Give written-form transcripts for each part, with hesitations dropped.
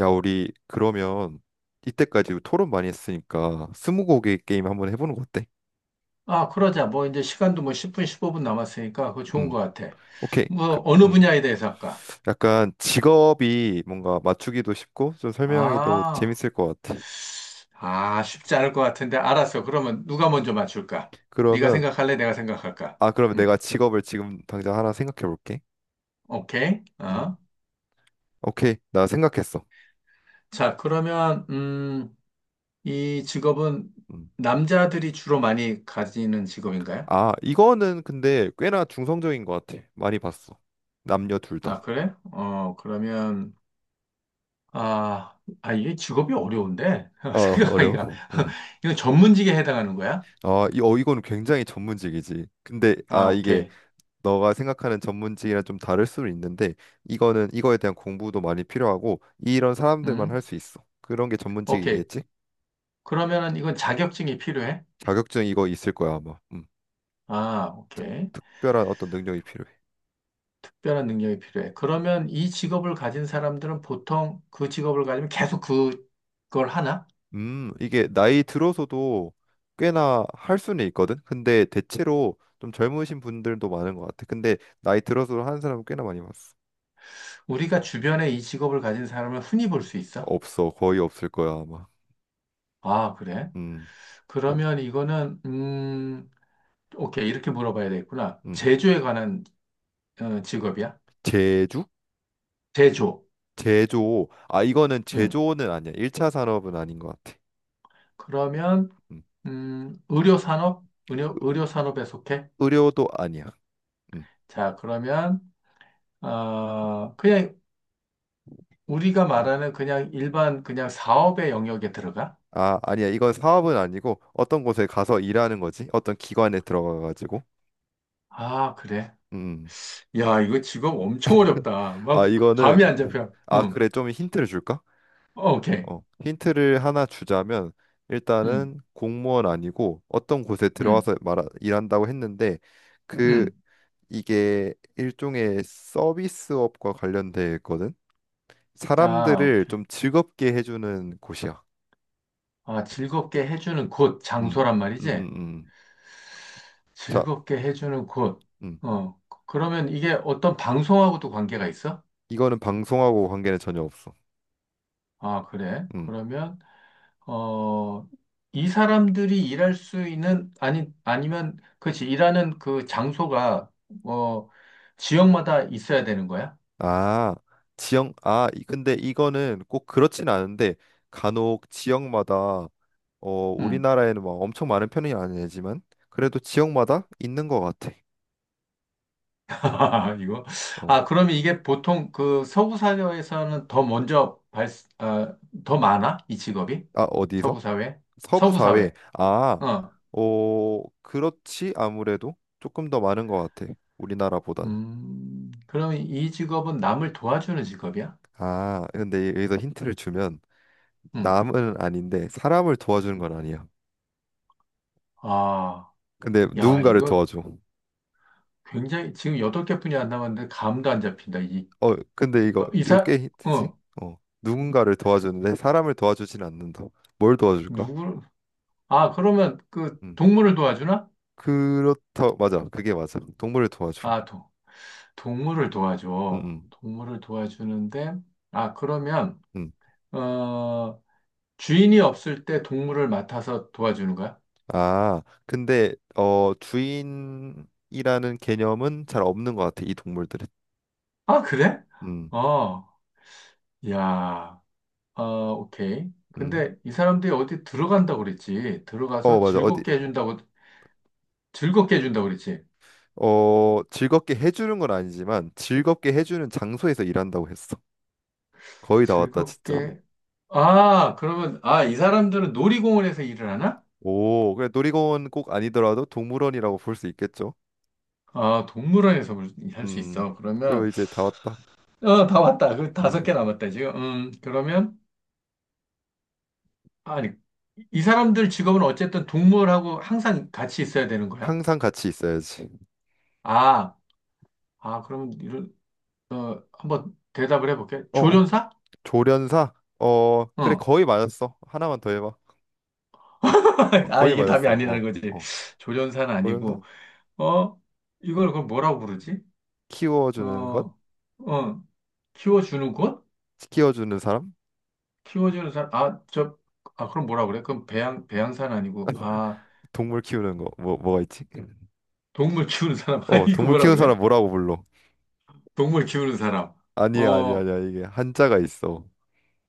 야, 우리 그러면 이때까지 토론 많이 했으니까 스무고개 게임 한번 해보는 거 어때? 아, 그러자. 뭐, 이제 시간도 뭐 10분, 15분 남았으니까 그거 좋은 것 음, 같아. 오케이. 뭐, 어느 분야에 대해서 할까? 약간 직업이 뭔가 맞추기도 쉽고 좀 설명하기도 아, 재밌을 것 같아. 아, 쉽지 않을 것 같은데. 알았어. 그러면 누가 먼저 맞출까? 네가 그러면 생각할래? 내가 생각할까? 그러면 음, 내가 직업을 지금 당장 하나 생각해 볼게. 오케이. 음, 어. 오케이. 나 생각했어. 자, 그러면, 이 직업은 음. 남자들이 주로 많이 가지는 직업인가요? 아, 이거는 근데 꽤나 중성적인 것 같아. 많이 봤어. 남녀 둘 아, 다. 그래? 어, 그러면, 아, 이게 직업이 어려운데? 어, 생각하기가. 어려워. 음. 이거 전문직에 해당하는 거야? 아, 이거는 굉장히 전문직이지. 근데 아, 아, 이게 오케이. 너가 생각하는 전문직이랑 좀 다를 수는 있는데 이거는 이거에 대한 공부도 많이 필요하고 이런 사람들만 할 음, 수 있어. 그런 게 오케이. 전문직이겠지? 그러면은 이건 자격증이 필요해? 자격증 이거 있을 거야 아마. 아, 특, 오케이. 특별한 어떤 능력이 필요해. 특별한 능력이 필요해. 그러면 이 직업을 가진 사람들은 보통 그 직업을 가지면 계속 그, 그걸 하나? 이게 나이 들어서도 꽤나 할 수는 있거든. 근데 대체로 좀 젊으신 분들도 많은 것 같아. 근데 나이 들어서 하는 사람 은 꽤나 많이 봤어. 우리가 주변에 이 직업을 가진 사람을 흔히 볼 수 있어? 없어, 거의 없을 거야 아마. 아, 그래? 음, 그러면 이거는, 오케이. 이렇게 물어봐야 되겠구나. 음, 제조에 관한 어, 직업이야? 제주? 제조. 제조. 아, 이거는 음. 제조는 아니야. 1차 산업은 아닌 것 같아. 그러면, 음. 의료산업? 의료산업에 속해? 의료도 아니야. 음, 자, 그러면, 어, 그냥 우리가 음. 말하는 그냥 일반 그냥 사업의 영역에 들어가? 아, 아니야. 이건 사업은 아니고 어떤 곳에 가서 일하는 거지? 어떤 기관에 들어가가지고. 아, 그래. 음. 음. 야, 이거 직업 엄청 어렵다. 아, 막 이거는 감이 안 잡혀. 응. 그래. 좀 힌트를 줄까? 어, 오케이. 어, 힌트를 하나 주자면 응. 일단은 공무원 아니고 어떤 곳에 응. 들어와서 말 일한다고 했는데 그 응. 이게 일종의 서비스업과 관련돼 있거든. 아, 사람들을 오케이. 좀 즐겁게 해주는 곳이야. 아, 즐겁게 해주는 곳, 음, 장소란 음, 말이지? 음, 음. 자, 즐겁게 해주는 곳. 음. 어. 그러면 이게 어떤 방송하고도 관계가 있어? 이거는 방송하고 관계는 전혀 없어. 아, 그래. 음. 그러면 어, 이 사람들이 일할 수 있는, 아니, 아니면, 그렇지, 일하는 그 장소가, 어, 지역마다 있어야 되는 거야? 아, 지역, 근데 이거는 꼭 그렇진 않은데, 간혹 지역마다, 응. 우리나라에는 막 엄청 많은 편이 아니지만, 그래도 지역마다 있는 것 같아. 아, 이거. 어, 아, 그러면 이게 보통 그 서구 사회에서는 더 먼저 발, 아, 더 많아? 이 직업이? 아, 어디서? 서구 사회? 서부 서구 사회. 사회. 아, 어. 어, 그렇지, 아무래도 조금 더 많은 것 같아. 우리나라보다는. 그럼 이 직업은 남을 도와주는 직업이야? 아, 근데 여기서 힌트를 주면, 응. 남은 아닌데, 사람을 도와주는 건 아니야. 아, 근데 야, 누군가를 이거 도와줘. 굉장히, 지금 여덟 개 뿐이 안 남았는데 감도 안 잡힌다. 이 어, 근데 이거 어, 이거 이사, 꽤 힌트지? 어, 어, 누군가를 도와주는데 사람을 도와주진 않는다. 뭘 도와줄까? 누구, 아, 그러면 그 음, 동물을 도와주나? 그렇다. 맞아, 그게 맞아. 동물을 도와줘. 아, 도, 동물을 음, 도와줘. 음, 동물을 도와주는데, 아, 그러면, 음. 어, 주인이 없을 때 동물을 맡아서 도와주는 거야? 아, 근데 주인이라는 개념은 잘 없는 것 같아 이 동물들은. 아, 그래? 음, 어, 야, 어, 오케이. 음. 근데 이 사람들이 어디 들어간다고 그랬지? 어, 들어가서 맞아. 어디? 즐겁게 해준다고, 즐겁게 해준다고 그랬지? 어, 즐겁게 해주는 건 아니지만 즐겁게 해주는 장소에서 일한다고 했어. 거의 다 왔다, 진짜. 즐겁게, 아, 그러면, 아, 이 사람들은 놀이공원에서 일을 하나? 오, 그래 놀이공원 꼭 아니더라도 동물원이라고 볼 수 있겠죠? 아, 동물원에서 할 수 음, 있어. 그럼 그러면, 이제 다 왔다. 어, 다 왔다. 그 다섯 개 음, 남았다, 지금. 그러면, 아니, 이 사람들 직업은 어쨌든 동물하고 항상 같이 있어야 되는 거야? 항상 같이 있어야지. 아, 아, 그러면, 이런, 어, 한번 대답을 해볼게. 어, 어. 조련사? 조련사? 어, 그래, 어. 거의 맞았어. 하나만 더 해봐. 아, 거의 이게 답이 맞았어. 어, 아니라는 거지. 어. 조련사는 조련사? 아니고, 어, 이걸 그럼 뭐라고 부르지? 키워주는 것? 어, 어, 키워주는 곳? 키워주는 사람? 키워주는 사람, 아, 저, 아, 그럼 뭐라 그래? 그럼 배양, 배양사는 아니고, 아, 동물 키우는 거. 뭐, 뭐가 있지? 동물 키우는 사람. 아, 어, 이거 동물 뭐라 키우는 그래? 사람 뭐라고 불러? 동물 키우는 사람. 아니야, 아니야, 어, 아니야. 이게 한자가 있어.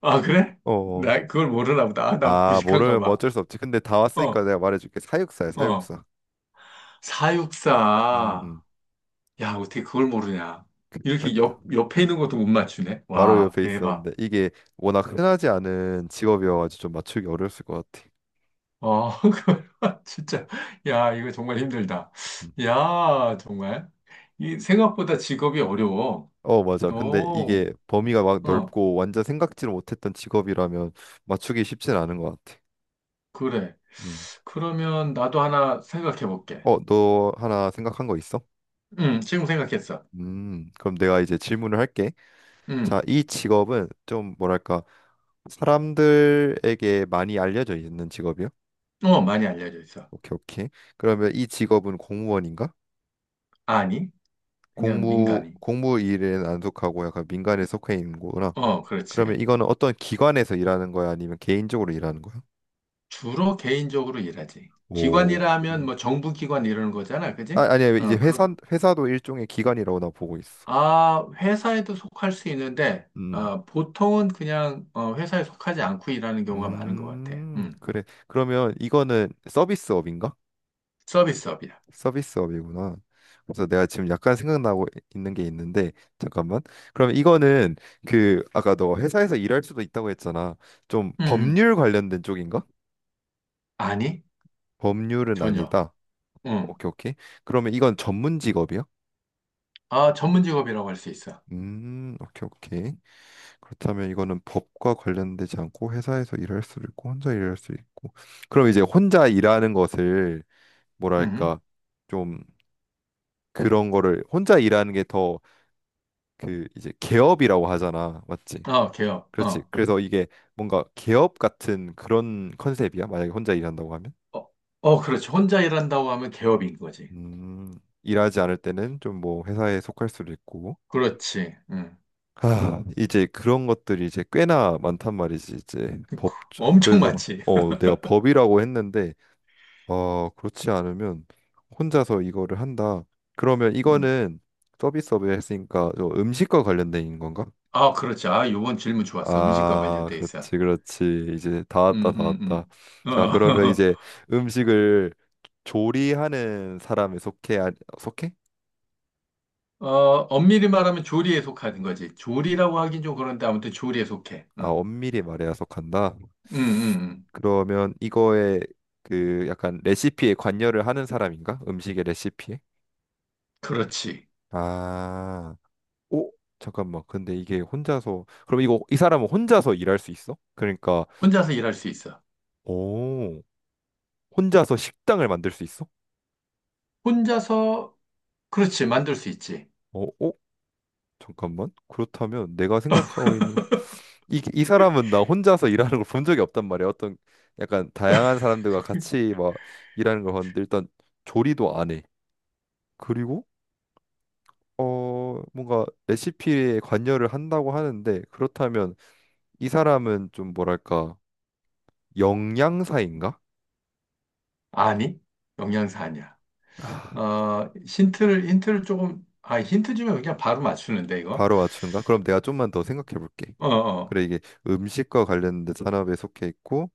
아, 그래? 어, 어. 나 그걸 모르나 보다. 아, 나 아, 무식한가 모르면 뭐 봐. 어쩔 수 없지. 근데 다 왔으니까 어, 내가 말해줄게. 사육사야, 어. 사육사. 음, 사육사. 음. 야, 어떻게 그걸 모르냐. 그, 그, 이렇게 옆에 있는 것도 못 맞추네. 바로 와, 옆에 대박. 있었는데 이게 워낙 흔하지 않은 직업이어가지고 좀 맞추기 어려웠을 것 같아. 어, 그걸 진짜. 야, 이거 정말 힘들다. 음. 야, 정말. 이 생각보다 직업이 어려워. 어 맞아. 음. 근데 오, 이게 범위가 막 어, 넓고 완전 생각지를 못했던 직업이라면 맞추기 쉽진 않은 것 같아. 그래. 음. 그러면 나도 하나 생각해 볼게. 어, 너 하나 생각한 거 있어? 지금 생각했어. 그럼 내가 이제 질문을 할게. 자, 음. 이 직업은 좀 뭐랄까 사람들에게 많이 알려져 있는 직업이야? 어, 많이 알려져 있어. 오케이, 오케이. 그러면 이 직업은 공무원인가? 아니, 그냥 공무 민간이. 공무 일에는 안 속하고 약간 민간에 속해 있는 거구나. 어, 그러면 그렇지. 이거는 어떤 기관에서 일하는 거야? 아니면 개인적으로 일하는 거야? 주로 개인적으로 일하지. 오, 기관이라면 뭐 정부 기관 이러는 거잖아, 아, 그지? 아니야. 이제 어, 회사 그런. 회사도 일종의 기관이라고 나 보고 있어. 아, 회사에도 속할 수 있는데, 음. 어, 보통은 그냥 어, 회사에 속하지 않고 일하는 경우가 많은 것 같아. 그래. 그러면 이거는 서비스업인가? 서비스업이야. 서비스업이구나. 그래서 내가 지금 약간 생각나고 있는 게 있는데 잠깐만. 그러면 이거는 아까 너 회사에서 일할 수도 있다고 했잖아. 좀 음, 음. 법률 관련된 쪽인가? 아니, 법률은 전혀. 아니다. 음, 오케이, 오케이. 그러면 이건 전문 직업이야? 아, 전문 직업이라고 할 수 있어. 오케이, 오케이. 그렇다면 이거는 법과 관련되지 않고 회사에서 일할 수도 있고 혼자 일할 수도 있고. 그럼 이제 혼자 일하는 것을 음, 뭐랄까 좀 그런 거를 혼자 일하는 게 더 그 이제 개업이라고 하잖아. 맞지? 어, 개업. 그렇지. 그래서 이게 뭔가 개업 같은 그런 컨셉이야. 만약에 혼자 일한다고 하면. 어, 어, 그렇지. 혼자 일한다고 하면 개업인 거지. 음, 일하지 않을 때는 좀 뭐 회사에 속할 수도 있고 그렇지. 음. 아, 이제 그런 것들이 이제 꽤나 많단 말이지, 이제 법, 엄청 그래서, 많지. 내가 법이라고 했는데, 어, 그렇지 않으면 혼자서 이거를 한다. 그러면 음. 이거는 서비스업에 했으니까 음식과 관련된 건가? 아, 그렇지. 아, 요번 질문 좋았어. 음식과 아, 관련돼 그렇지, 있어. 그렇지. 이제 다 음, 왔다, 다 음, 왔다. 자, 어, 그러면 이제 음식을 조리하는 사람에 속해, 속해? 어, 엄밀히 말하면 조리에 속하는 거지. 조리라고 하긴 좀 그런데 아무튼 조리에 속해. 아, 어. 엄밀히 말해야 속한다. 음, 음, 음. 그러면 이거에 약간 레시피에 관여를 하는 사람인가? 음식의 레시피에? 그렇지. 아, 오, 잠깐만. 근데 이게 혼자서 그럼 이거 이 사람은 혼자서 일할 수 있어? 그러니까 혼자서 일할 수 있어. 오, 혼자서 식당을 만들 수 있어? 혼자서, 그렇지. 만들 수 있지. 어, 어? 잠깐만. 그렇다면 내가 생각하고 있는 이 사람은 나 혼자서 일하는 걸 본 적이 없단 말이야. 어떤 약간 다양한 사람들과 같이 막 일하는 걸 봤는데 일단 조리도 안 해. 그리고 뭔가 레시피에 관여를 한다고 하는데 그렇다면 이 사람은 좀 뭐랄까 영양사인가? 아니? 영양사 아니야. 아, 어, 힌트를 조금, 아, 힌트 주면 그냥 바로 맞추는데, 이거. 바로 맞춘가? 그럼 내가 좀만 더 생각해 볼게. 어, 어. 그래 이게 음식과 관련된 산업에 속해 있고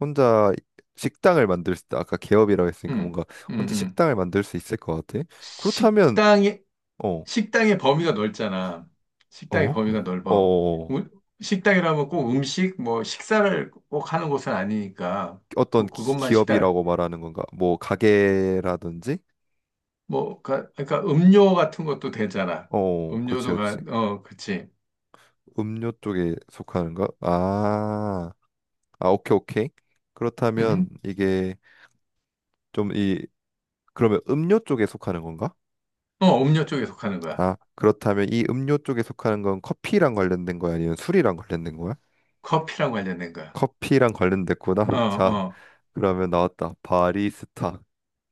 혼자 식당을 만들 수 있다. 아까 개업이라고 했으니까 음, 뭔가 음, 혼자 음. 식당을 만들 수 있을 것 같아. 그렇다면 식당에, 어, 식당의 범위가 넓잖아. 식당의 어, 범위가 넓어. 어, 우- 식당이라면 꼭 음식, 뭐, 식사를 꼭 하는 곳은 아니니까, 어떤 그것만 식당, 기업이라고 말하는 건가? 뭐 가게라든지? 뭐, 가- 그러니까 음료 같은 것도 되잖아. 어, 그렇지, 음료도 가, 그렇지. 어, 그치. 음료 쪽에 속하는가? 아, 아, 오케이, 오케이. 그렇다면 음 좀 이, 그러면 음료 쪽에 속하는 건가? 어, 음료 쪽에 속하는 거야. 아, 그렇다면 이 음료 쪽에 속하는 건 커피랑 관련된 거야? 아니면 술이랑 관련된 거야? 커피랑 관련된 거야. 커피랑 관련됐구나. 어, 자, 어. 그러면 나왔다. 바리스타.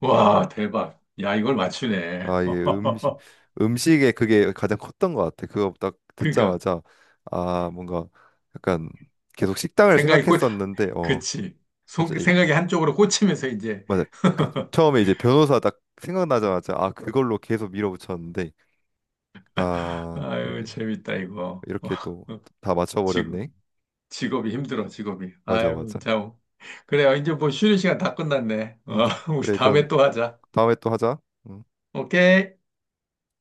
와, 대박. 야, 이걸 맞추네. 아, 이게 음식에 그게 가장 컸던 것 같아. 그거 딱 그러니까, 듣자마자, 아, 뭔가 약간 계속 식당을 생각이 꽂, 생각했었는데, 어, 그치. 그치? 속- 생각이 한쪽으로 꽂히면서 이제, 맞아. 처음에 이제 변호사 딱 생각나자마자 아 그걸로 계속 밀어붙였는데 아 아유, 그렇게 재밌다, 이거. 이렇게 또 다 지금, 맞춰버렸네. 직업이 힘들어, 직업이. 맞아 아유, 맞아. 참. 그래요. 이제 뭐 쉬는 시간 다 끝났네. 음 어, 우리 그래 그럼 다음에 또 하자. 다음에 또 하자. 음. 오케이.